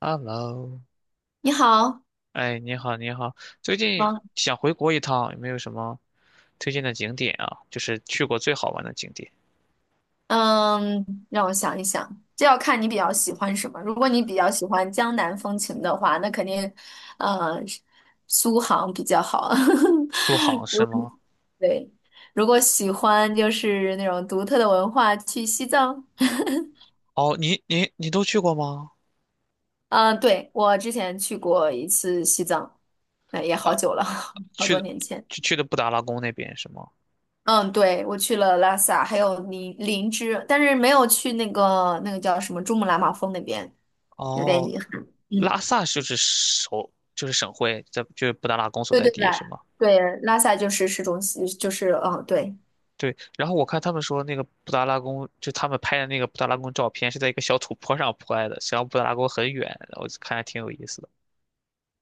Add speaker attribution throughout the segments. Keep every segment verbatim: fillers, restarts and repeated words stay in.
Speaker 1: Hello，
Speaker 2: 你好，
Speaker 1: 哎，你好，你好，最近
Speaker 2: 忙，
Speaker 1: 想回国一趟，有没有什么推荐的景点啊？就是去过最好玩的景点，
Speaker 2: 嗯，让我想一想，这要看你比较喜欢什么。如果你比较喜欢江南风情的话，那肯定，嗯，苏杭比较好。
Speaker 1: 苏杭是
Speaker 2: 如
Speaker 1: 吗？
Speaker 2: 对，如果喜欢就是那种独特的文化，去西藏。
Speaker 1: 哦，你你你都去过吗？
Speaker 2: 嗯、对，我之前去过一次西藏，那也好
Speaker 1: 呃，
Speaker 2: 久了，好
Speaker 1: 去
Speaker 2: 多
Speaker 1: 的
Speaker 2: 年前。
Speaker 1: 去去的布达拉宫那边是吗？
Speaker 2: 嗯，对，我去了拉萨，还有林林芝，但是没有去那个那个叫什么珠穆朗玛峰那边。有点
Speaker 1: 哦，
Speaker 2: 遗憾。嗯，
Speaker 1: 拉萨就是首就是省会，在就是布达拉宫所
Speaker 2: 对
Speaker 1: 在
Speaker 2: 对对
Speaker 1: 地是吗？
Speaker 2: 对，拉萨就是市中心，就是哦，对
Speaker 1: 对，然后我看他们说那个布达拉宫，就他们拍的那个布达拉宫照片是在一个小土坡上 拍的，实际上布达拉宫很远，我看还挺有意思的。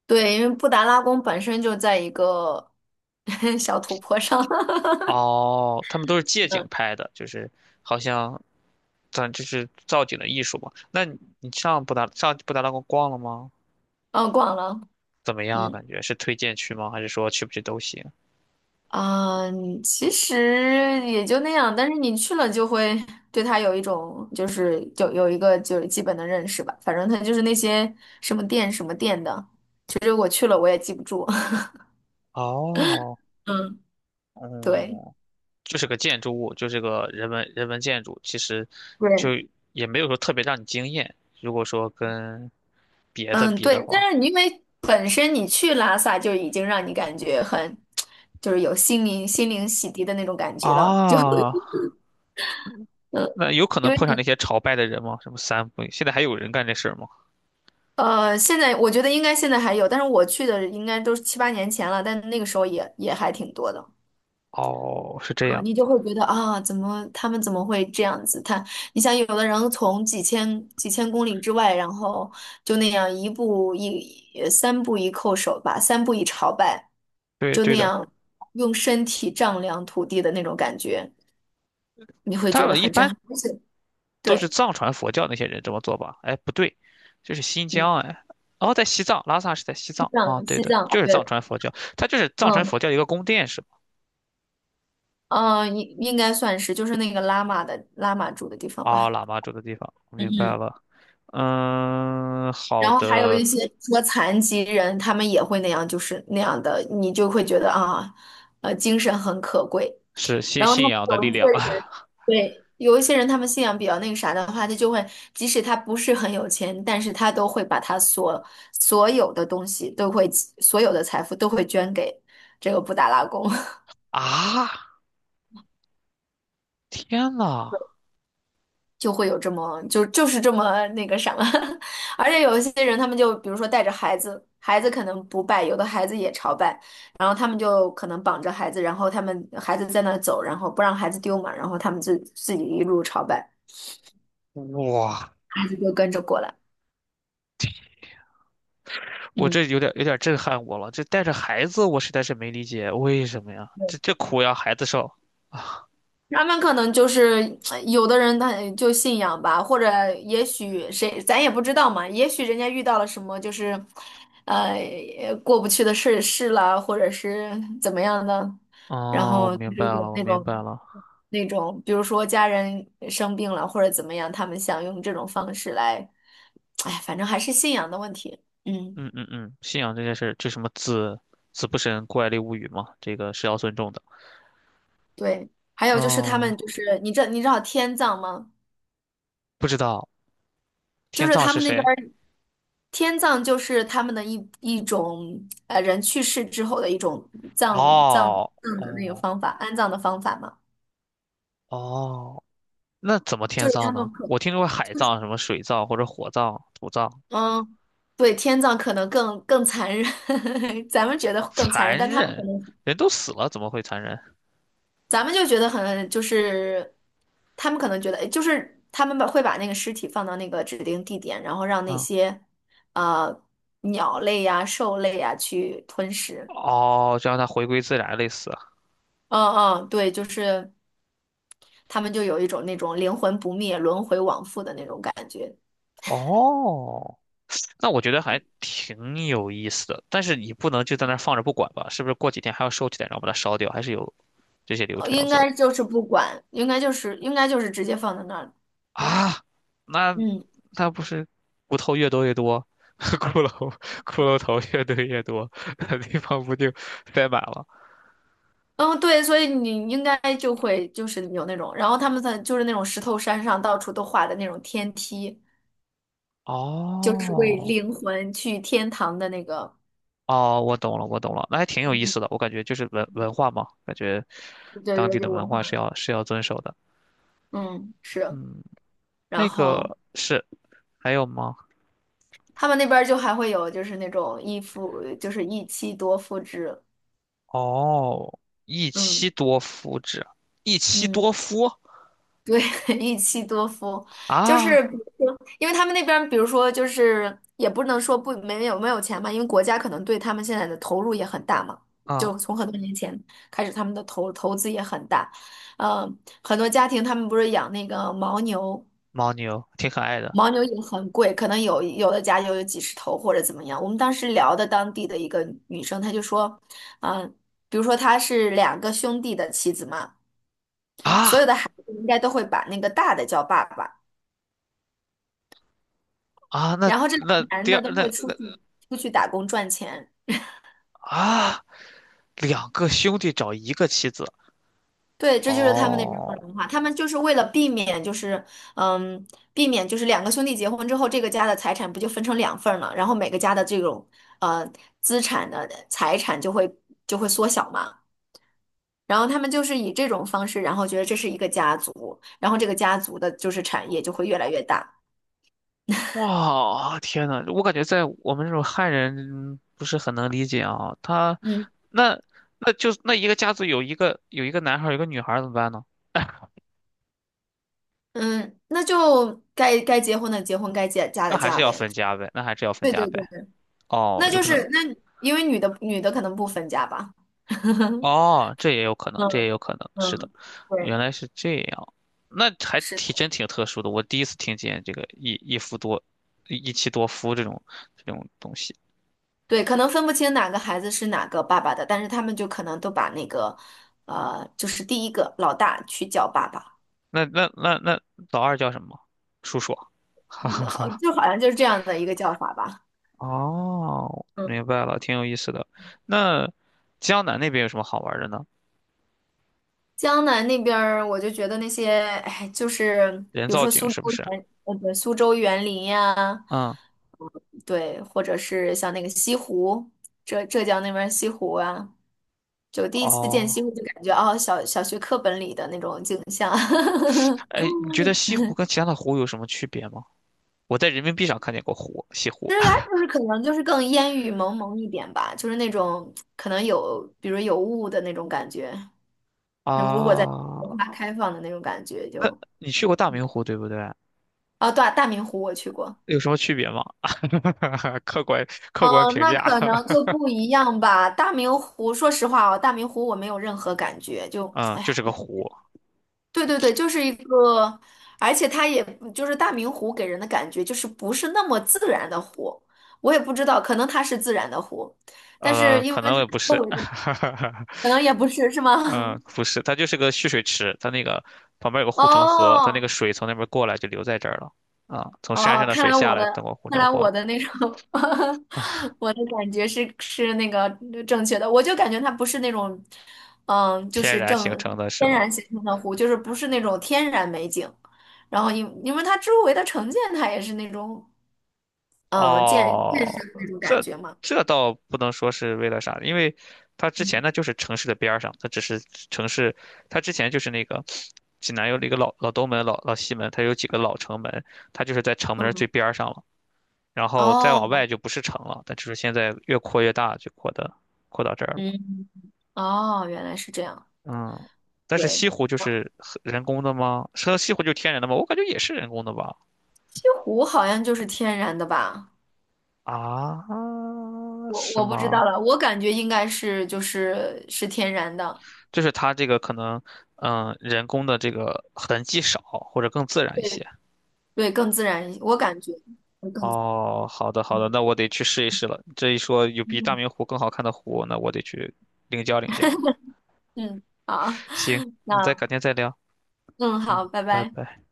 Speaker 2: 对，因为布达拉宫本身就在一个 小土坡上，
Speaker 1: 哦，他们都是借景
Speaker 2: 嗯，
Speaker 1: 拍的，就是好像咱就是造景的艺术嘛。那你你上布达上布达拉宫逛了吗？
Speaker 2: 嗯，逛了，
Speaker 1: 怎么样啊？感
Speaker 2: 嗯
Speaker 1: 觉是推荐去吗？还是说去不去都行？
Speaker 2: 嗯，其实也就那样，但是你去了就会对它有一种就是有有一个就是基本的认识吧，反正它就是那些什么店什么店的，其实我去了我也记不住，
Speaker 1: 哦，
Speaker 2: 嗯，对。
Speaker 1: 嗯，就是个建筑物，就是个人文人文建筑，其实就
Speaker 2: 对，
Speaker 1: 也没有说特别让你惊艳。如果说跟别的
Speaker 2: 嗯，
Speaker 1: 比的
Speaker 2: 对，
Speaker 1: 话，
Speaker 2: 但是你因为本身你去拉萨就已经让你感觉很，就是有心灵心灵洗涤的那种感觉了，就
Speaker 1: 啊，
Speaker 2: 嗯，
Speaker 1: 那有可
Speaker 2: 因
Speaker 1: 能
Speaker 2: 为
Speaker 1: 碰上那些朝拜的人吗？什么三不，现在还有人干这事儿吗？
Speaker 2: 呃，现在我觉得应该现在还有，但是我去的应该都是七八年前了，但那个时候也也还挺多的。
Speaker 1: 哦，是这
Speaker 2: 啊，
Speaker 1: 样，
Speaker 2: 你就会觉得啊，怎么他们怎么会这样子？他，你想，有的人从几千几千公里之外，然后就那样一步一呃三步一叩首吧，三步一朝拜，
Speaker 1: 对
Speaker 2: 就
Speaker 1: 对
Speaker 2: 那
Speaker 1: 的。
Speaker 2: 样用身体丈量土地的那种感觉，你会
Speaker 1: 他
Speaker 2: 觉得
Speaker 1: 们一
Speaker 2: 很震
Speaker 1: 般
Speaker 2: 撼。而且
Speaker 1: 都是
Speaker 2: 对，
Speaker 1: 藏传佛教那些人这么做吧？哎，不对，这是新
Speaker 2: 嗯，
Speaker 1: 疆哎，哦，在西藏，拉萨是在西
Speaker 2: 西
Speaker 1: 藏啊，
Speaker 2: 藏，
Speaker 1: 对
Speaker 2: 西
Speaker 1: 的，
Speaker 2: 藏，
Speaker 1: 就是藏
Speaker 2: 对，
Speaker 1: 传佛教，它就是藏传
Speaker 2: 嗯，
Speaker 1: 佛教一个宫殿是吧？
Speaker 2: 呃，应应该算是就是那个拉玛的拉玛住的地方
Speaker 1: 啊，
Speaker 2: 吧。
Speaker 1: 喇嘛住的地方，我明
Speaker 2: 嗯。
Speaker 1: 白了。嗯，好
Speaker 2: 然后还有
Speaker 1: 的，
Speaker 2: 一些说残疾人，他们也会那样，就是那样的，你就会觉得啊，呃，精神很可贵。
Speaker 1: 是信
Speaker 2: 然后他
Speaker 1: 信
Speaker 2: 们
Speaker 1: 仰的力
Speaker 2: 有一些
Speaker 1: 量
Speaker 2: 人，对，有一些人，他们信仰比较那个啥的话，他就会，即使他不是很有钱，但是他都会把他所所有的东西都会，所有的财富都会捐给这个布达拉宫。
Speaker 1: 啊！天呐，
Speaker 2: 就会有这么就就是这么那个啥了，而且有一些人他们就比如说带着孩子，孩子可能不拜，有的孩子也朝拜，然后他们就可能绑着孩子，然后他们孩子在那走，然后不让孩子丢嘛，然后他们自自己一路朝拜，
Speaker 1: 哇，
Speaker 2: 孩子就跟着过来。
Speaker 1: 我
Speaker 2: 嗯。
Speaker 1: 这有点有点震撼我了，这带着孩子，我实在是没理解为什么呀？这这苦要孩子受。
Speaker 2: 他们可能就是呃有的人他就信仰吧，或者也许谁咱也不知道嘛，也许人家遇到了什么就是，呃，过不去的事事了，或者是怎么样的，然
Speaker 1: 哦，我
Speaker 2: 后就
Speaker 1: 明白
Speaker 2: 是
Speaker 1: 了，
Speaker 2: 有
Speaker 1: 我
Speaker 2: 那
Speaker 1: 明
Speaker 2: 种
Speaker 1: 白了。
Speaker 2: 那种，比如说家人生病了或者怎么样，他们想用这种方式来，哎，反正还是信仰的问题。嗯，
Speaker 1: 嗯嗯嗯，信仰这件事，这什么子子不神怪力物语嘛，这个是要尊重的。
Speaker 2: 对。还有就是他们
Speaker 1: 哦，
Speaker 2: 就是你知你知道天葬吗？
Speaker 1: 不知道
Speaker 2: 就
Speaker 1: 天
Speaker 2: 是
Speaker 1: 葬
Speaker 2: 他
Speaker 1: 是
Speaker 2: 们那
Speaker 1: 谁？
Speaker 2: 边。天葬就是他们的一一种呃人去世之后的一种葬葬葬
Speaker 1: 哦
Speaker 2: 的那个
Speaker 1: 哦
Speaker 2: 方法，安葬的方法嘛，
Speaker 1: 哦，那怎么
Speaker 2: 就
Speaker 1: 天
Speaker 2: 是
Speaker 1: 葬
Speaker 2: 他
Speaker 1: 呢？
Speaker 2: 们可
Speaker 1: 我听说过海葬、什么水葬或者火葬、土葬，
Speaker 2: 嗯，对，天葬可能更更残忍，咱们觉得更残忍，
Speaker 1: 残
Speaker 2: 但他们可
Speaker 1: 忍，
Speaker 2: 能
Speaker 1: 人都死了怎么会残忍？
Speaker 2: 咱们就觉得很就是他们可能觉得就是他们把会把那个尸体放到那个指定地点，然后让那
Speaker 1: 啊、
Speaker 2: 些呃鸟类呀、兽类呀去吞食。
Speaker 1: 哦，就让它回归自然，类似。
Speaker 2: 嗯嗯，对，就是。他们就有一种那种灵魂不灭、轮回往复的那种感觉。
Speaker 1: 哦，那我觉得还挺有意思的，但是你不能就在那儿放着不管吧？是不是过几天还要收起来，然后把它烧掉？还是有这些流
Speaker 2: 呃
Speaker 1: 程要
Speaker 2: 应
Speaker 1: 做的
Speaker 2: 该就是不管，应该就是应该就是直接放在那儿。
Speaker 1: 啊？那
Speaker 2: 嗯
Speaker 1: 那不是骨头越多越多，骷髅骷髅头越堆越多，那地方不就塞满了？
Speaker 2: 嗯，对，所以你应该就会就是有那种，然后他们在就是那种石头山上到处都画的那种天梯，就是为
Speaker 1: 哦
Speaker 2: 灵魂去天堂的那个，
Speaker 1: 哦，我懂了，我懂了，那还挺有意
Speaker 2: 对
Speaker 1: 思的。我感觉就是文文化嘛，感觉
Speaker 2: 对
Speaker 1: 当地
Speaker 2: 对，
Speaker 1: 的
Speaker 2: 就
Speaker 1: 文
Speaker 2: 文化，
Speaker 1: 化是要是要遵守的。
Speaker 2: 嗯，是。
Speaker 1: 嗯，
Speaker 2: 然
Speaker 1: 那
Speaker 2: 后
Speaker 1: 个是还有吗？
Speaker 2: 他们那边儿就还会有就是那种一夫，就是一妻多夫制，
Speaker 1: 哦，一
Speaker 2: 嗯
Speaker 1: 妻多夫制，一妻
Speaker 2: 嗯。
Speaker 1: 多夫
Speaker 2: 对，一妻多夫，就
Speaker 1: 啊，
Speaker 2: 是比如说，因为他们那边，比如说，就是也不能说不没有没有钱嘛，因为国家可能对他们现在的投入也很大嘛，
Speaker 1: 啊，
Speaker 2: 就从很多年前开始，他们的投投资也很大，嗯，很多家庭他们不是养那个牦牛，
Speaker 1: 牦牛挺可爱的
Speaker 2: 牦牛也很贵，可能有有的家就有几十头或者怎么样。我们当时聊的当地的一个女生，她就说，嗯，比如说她是两个兄弟的妻子嘛，所有
Speaker 1: 啊
Speaker 2: 的孩子应该都会把那个大的叫爸爸。
Speaker 1: 啊，那
Speaker 2: 然后这两
Speaker 1: 那
Speaker 2: 个男
Speaker 1: 第
Speaker 2: 的都
Speaker 1: 二
Speaker 2: 会
Speaker 1: 那
Speaker 2: 出去出去打工赚钱。
Speaker 1: 啊，两个兄弟找一个妻子，
Speaker 2: 对，这就是他们那边的
Speaker 1: 哦，
Speaker 2: 文化，他们就是为了避免，就是嗯，避免就是两个兄弟结婚之后，这个家的财产不就分成两份儿了，然后每个家的这种呃资产的财产就会就会缩小嘛。然后他们就是以这种方式，然后觉得这是一个家族，然后这个家族的就是产业就会越来越大。
Speaker 1: 哇，天呐，我感觉在我们这种汉人不是很能理解啊，他
Speaker 2: 嗯
Speaker 1: 那那就那一个家族有一个有一个男孩儿有一个女孩儿怎么办呢？
Speaker 2: 嗯，那就该该结婚的结婚，该嫁嫁
Speaker 1: 那
Speaker 2: 的
Speaker 1: 还是
Speaker 2: 嫁
Speaker 1: 要
Speaker 2: 呗。
Speaker 1: 分家呗，那还是要分
Speaker 2: 对对
Speaker 1: 家
Speaker 2: 对。
Speaker 1: 呗。哦，
Speaker 2: 那
Speaker 1: 有
Speaker 2: 就
Speaker 1: 可能。
Speaker 2: 是那因为女的女的可能不分家吧。
Speaker 1: 哦，这也有可能，这也
Speaker 2: 嗯
Speaker 1: 有可能，是的，
Speaker 2: 嗯，对，
Speaker 1: 原来是这样，那还
Speaker 2: 是的，
Speaker 1: 挺真挺特殊的，我第一次听见这个一一夫多一妻多夫这种这种东西。
Speaker 2: 对，可能分不清哪个孩子是哪个爸爸的，但是他们就可能都把那个，呃，就是第一个老大去叫爸爸，
Speaker 1: 那那那那老二叫什么？叔叔。
Speaker 2: 嗯好，就好像就是这样的一个叫法吧。
Speaker 1: 哦，
Speaker 2: 嗯，
Speaker 1: 明白了，挺有意思的。那江南那边有什么好玩的呢？
Speaker 2: 江南那边儿，我就觉得那些，哎，就是
Speaker 1: 人
Speaker 2: 比如
Speaker 1: 造
Speaker 2: 说
Speaker 1: 景
Speaker 2: 苏
Speaker 1: 是
Speaker 2: 州
Speaker 1: 不是？
Speaker 2: 园，呃，对，苏州园林呀，
Speaker 1: 嗯，
Speaker 2: 对，或者是像那个西湖，浙浙江那边儿西湖啊。就第一次见
Speaker 1: 哦，
Speaker 2: 西湖，就感觉哦，小小学课本里的那种景象。
Speaker 1: 哎，你觉得西湖跟其他的湖有什么区别吗？我在人民币上看见过湖，西
Speaker 2: 其
Speaker 1: 湖
Speaker 2: 实它就是可能就是更烟雨蒙蒙一点吧，就是那种可能有，比如有雾的那种感觉。如如果在文
Speaker 1: 啊。
Speaker 2: 化开放的那种感觉就，
Speaker 1: 你去过大明湖对不对？
Speaker 2: 哦，对啊大明湖我去过。
Speaker 1: 有什么区别吗？客观客
Speaker 2: 嗯，
Speaker 1: 观评
Speaker 2: 那
Speaker 1: 价，
Speaker 2: 可能就 不一样吧。大明湖，说实话哦，大明湖我没有任何感觉，就，
Speaker 1: 嗯，就
Speaker 2: 哎，
Speaker 1: 是个湖，
Speaker 2: 对对对，就是一个，而且它也就是大明湖给人的感觉就是不是那么自然的湖，我也不知道，可能它是自然的湖，但
Speaker 1: 呃，
Speaker 2: 是因
Speaker 1: 可
Speaker 2: 为它
Speaker 1: 能也不
Speaker 2: 周
Speaker 1: 是，
Speaker 2: 围的 可能也不是，是吗？
Speaker 1: 嗯，不是，它就是个蓄水池，它那个旁边有个护城河，它那
Speaker 2: 哦
Speaker 1: 个水从那边过来就流在这儿了，啊，从山
Speaker 2: 哦，
Speaker 1: 上的
Speaker 2: 看
Speaker 1: 水
Speaker 2: 来
Speaker 1: 下
Speaker 2: 我
Speaker 1: 来，通
Speaker 2: 的
Speaker 1: 过护
Speaker 2: 看
Speaker 1: 城
Speaker 2: 来
Speaker 1: 河
Speaker 2: 我的那种 我的感觉是是那个正确的，我就感觉它不是那种，嗯，就
Speaker 1: 天
Speaker 2: 是
Speaker 1: 然形
Speaker 2: 正
Speaker 1: 成的是
Speaker 2: 天
Speaker 1: 吗？
Speaker 2: 然形成的湖，就是不是那种天然美景，然后因因为它周围的城建它也是那种。嗯，见
Speaker 1: 哦，
Speaker 2: 那种感
Speaker 1: 这
Speaker 2: 觉嘛。
Speaker 1: 这倒不能说是为了啥，因为它之前
Speaker 2: 嗯，
Speaker 1: 呢就是城市的边儿上，它只是城市，它之前就是那个济南有一个老老东门、老老西门，它有几个老城门，它就是在城门儿最
Speaker 2: 嗯，
Speaker 1: 边儿上了，然后再往
Speaker 2: 哦，
Speaker 1: 外就不是城了，但就是现在越扩越大，就扩的扩到这儿了。
Speaker 2: 嗯，哦，原来是这样。
Speaker 1: 嗯，但是
Speaker 2: 对，
Speaker 1: 西湖就
Speaker 2: 哦
Speaker 1: 是很人工的吗？说西湖就是天然的吗？我感觉也是人工的吧。
Speaker 2: 西湖好像就是天然的吧？
Speaker 1: 啊，
Speaker 2: 我
Speaker 1: 是
Speaker 2: 我不知
Speaker 1: 吗？
Speaker 2: 道了，我感觉应该是就是是天然的，
Speaker 1: 就是它这个可能，嗯，人工的这个痕迹少，或者更自然一
Speaker 2: 对
Speaker 1: 些。
Speaker 2: 对，更自然一些，我感觉更自然。
Speaker 1: 哦，好的好的，
Speaker 2: 嗯
Speaker 1: 那我得去试一试了。这一说有比大
Speaker 2: 嗯，
Speaker 1: 明湖更好看的湖，那我得去领教领教。
Speaker 2: 嗯好，
Speaker 1: 行，那再
Speaker 2: 那
Speaker 1: 改天再聊。
Speaker 2: 嗯
Speaker 1: 嗯，
Speaker 2: 好，拜
Speaker 1: 拜
Speaker 2: 拜。
Speaker 1: 拜。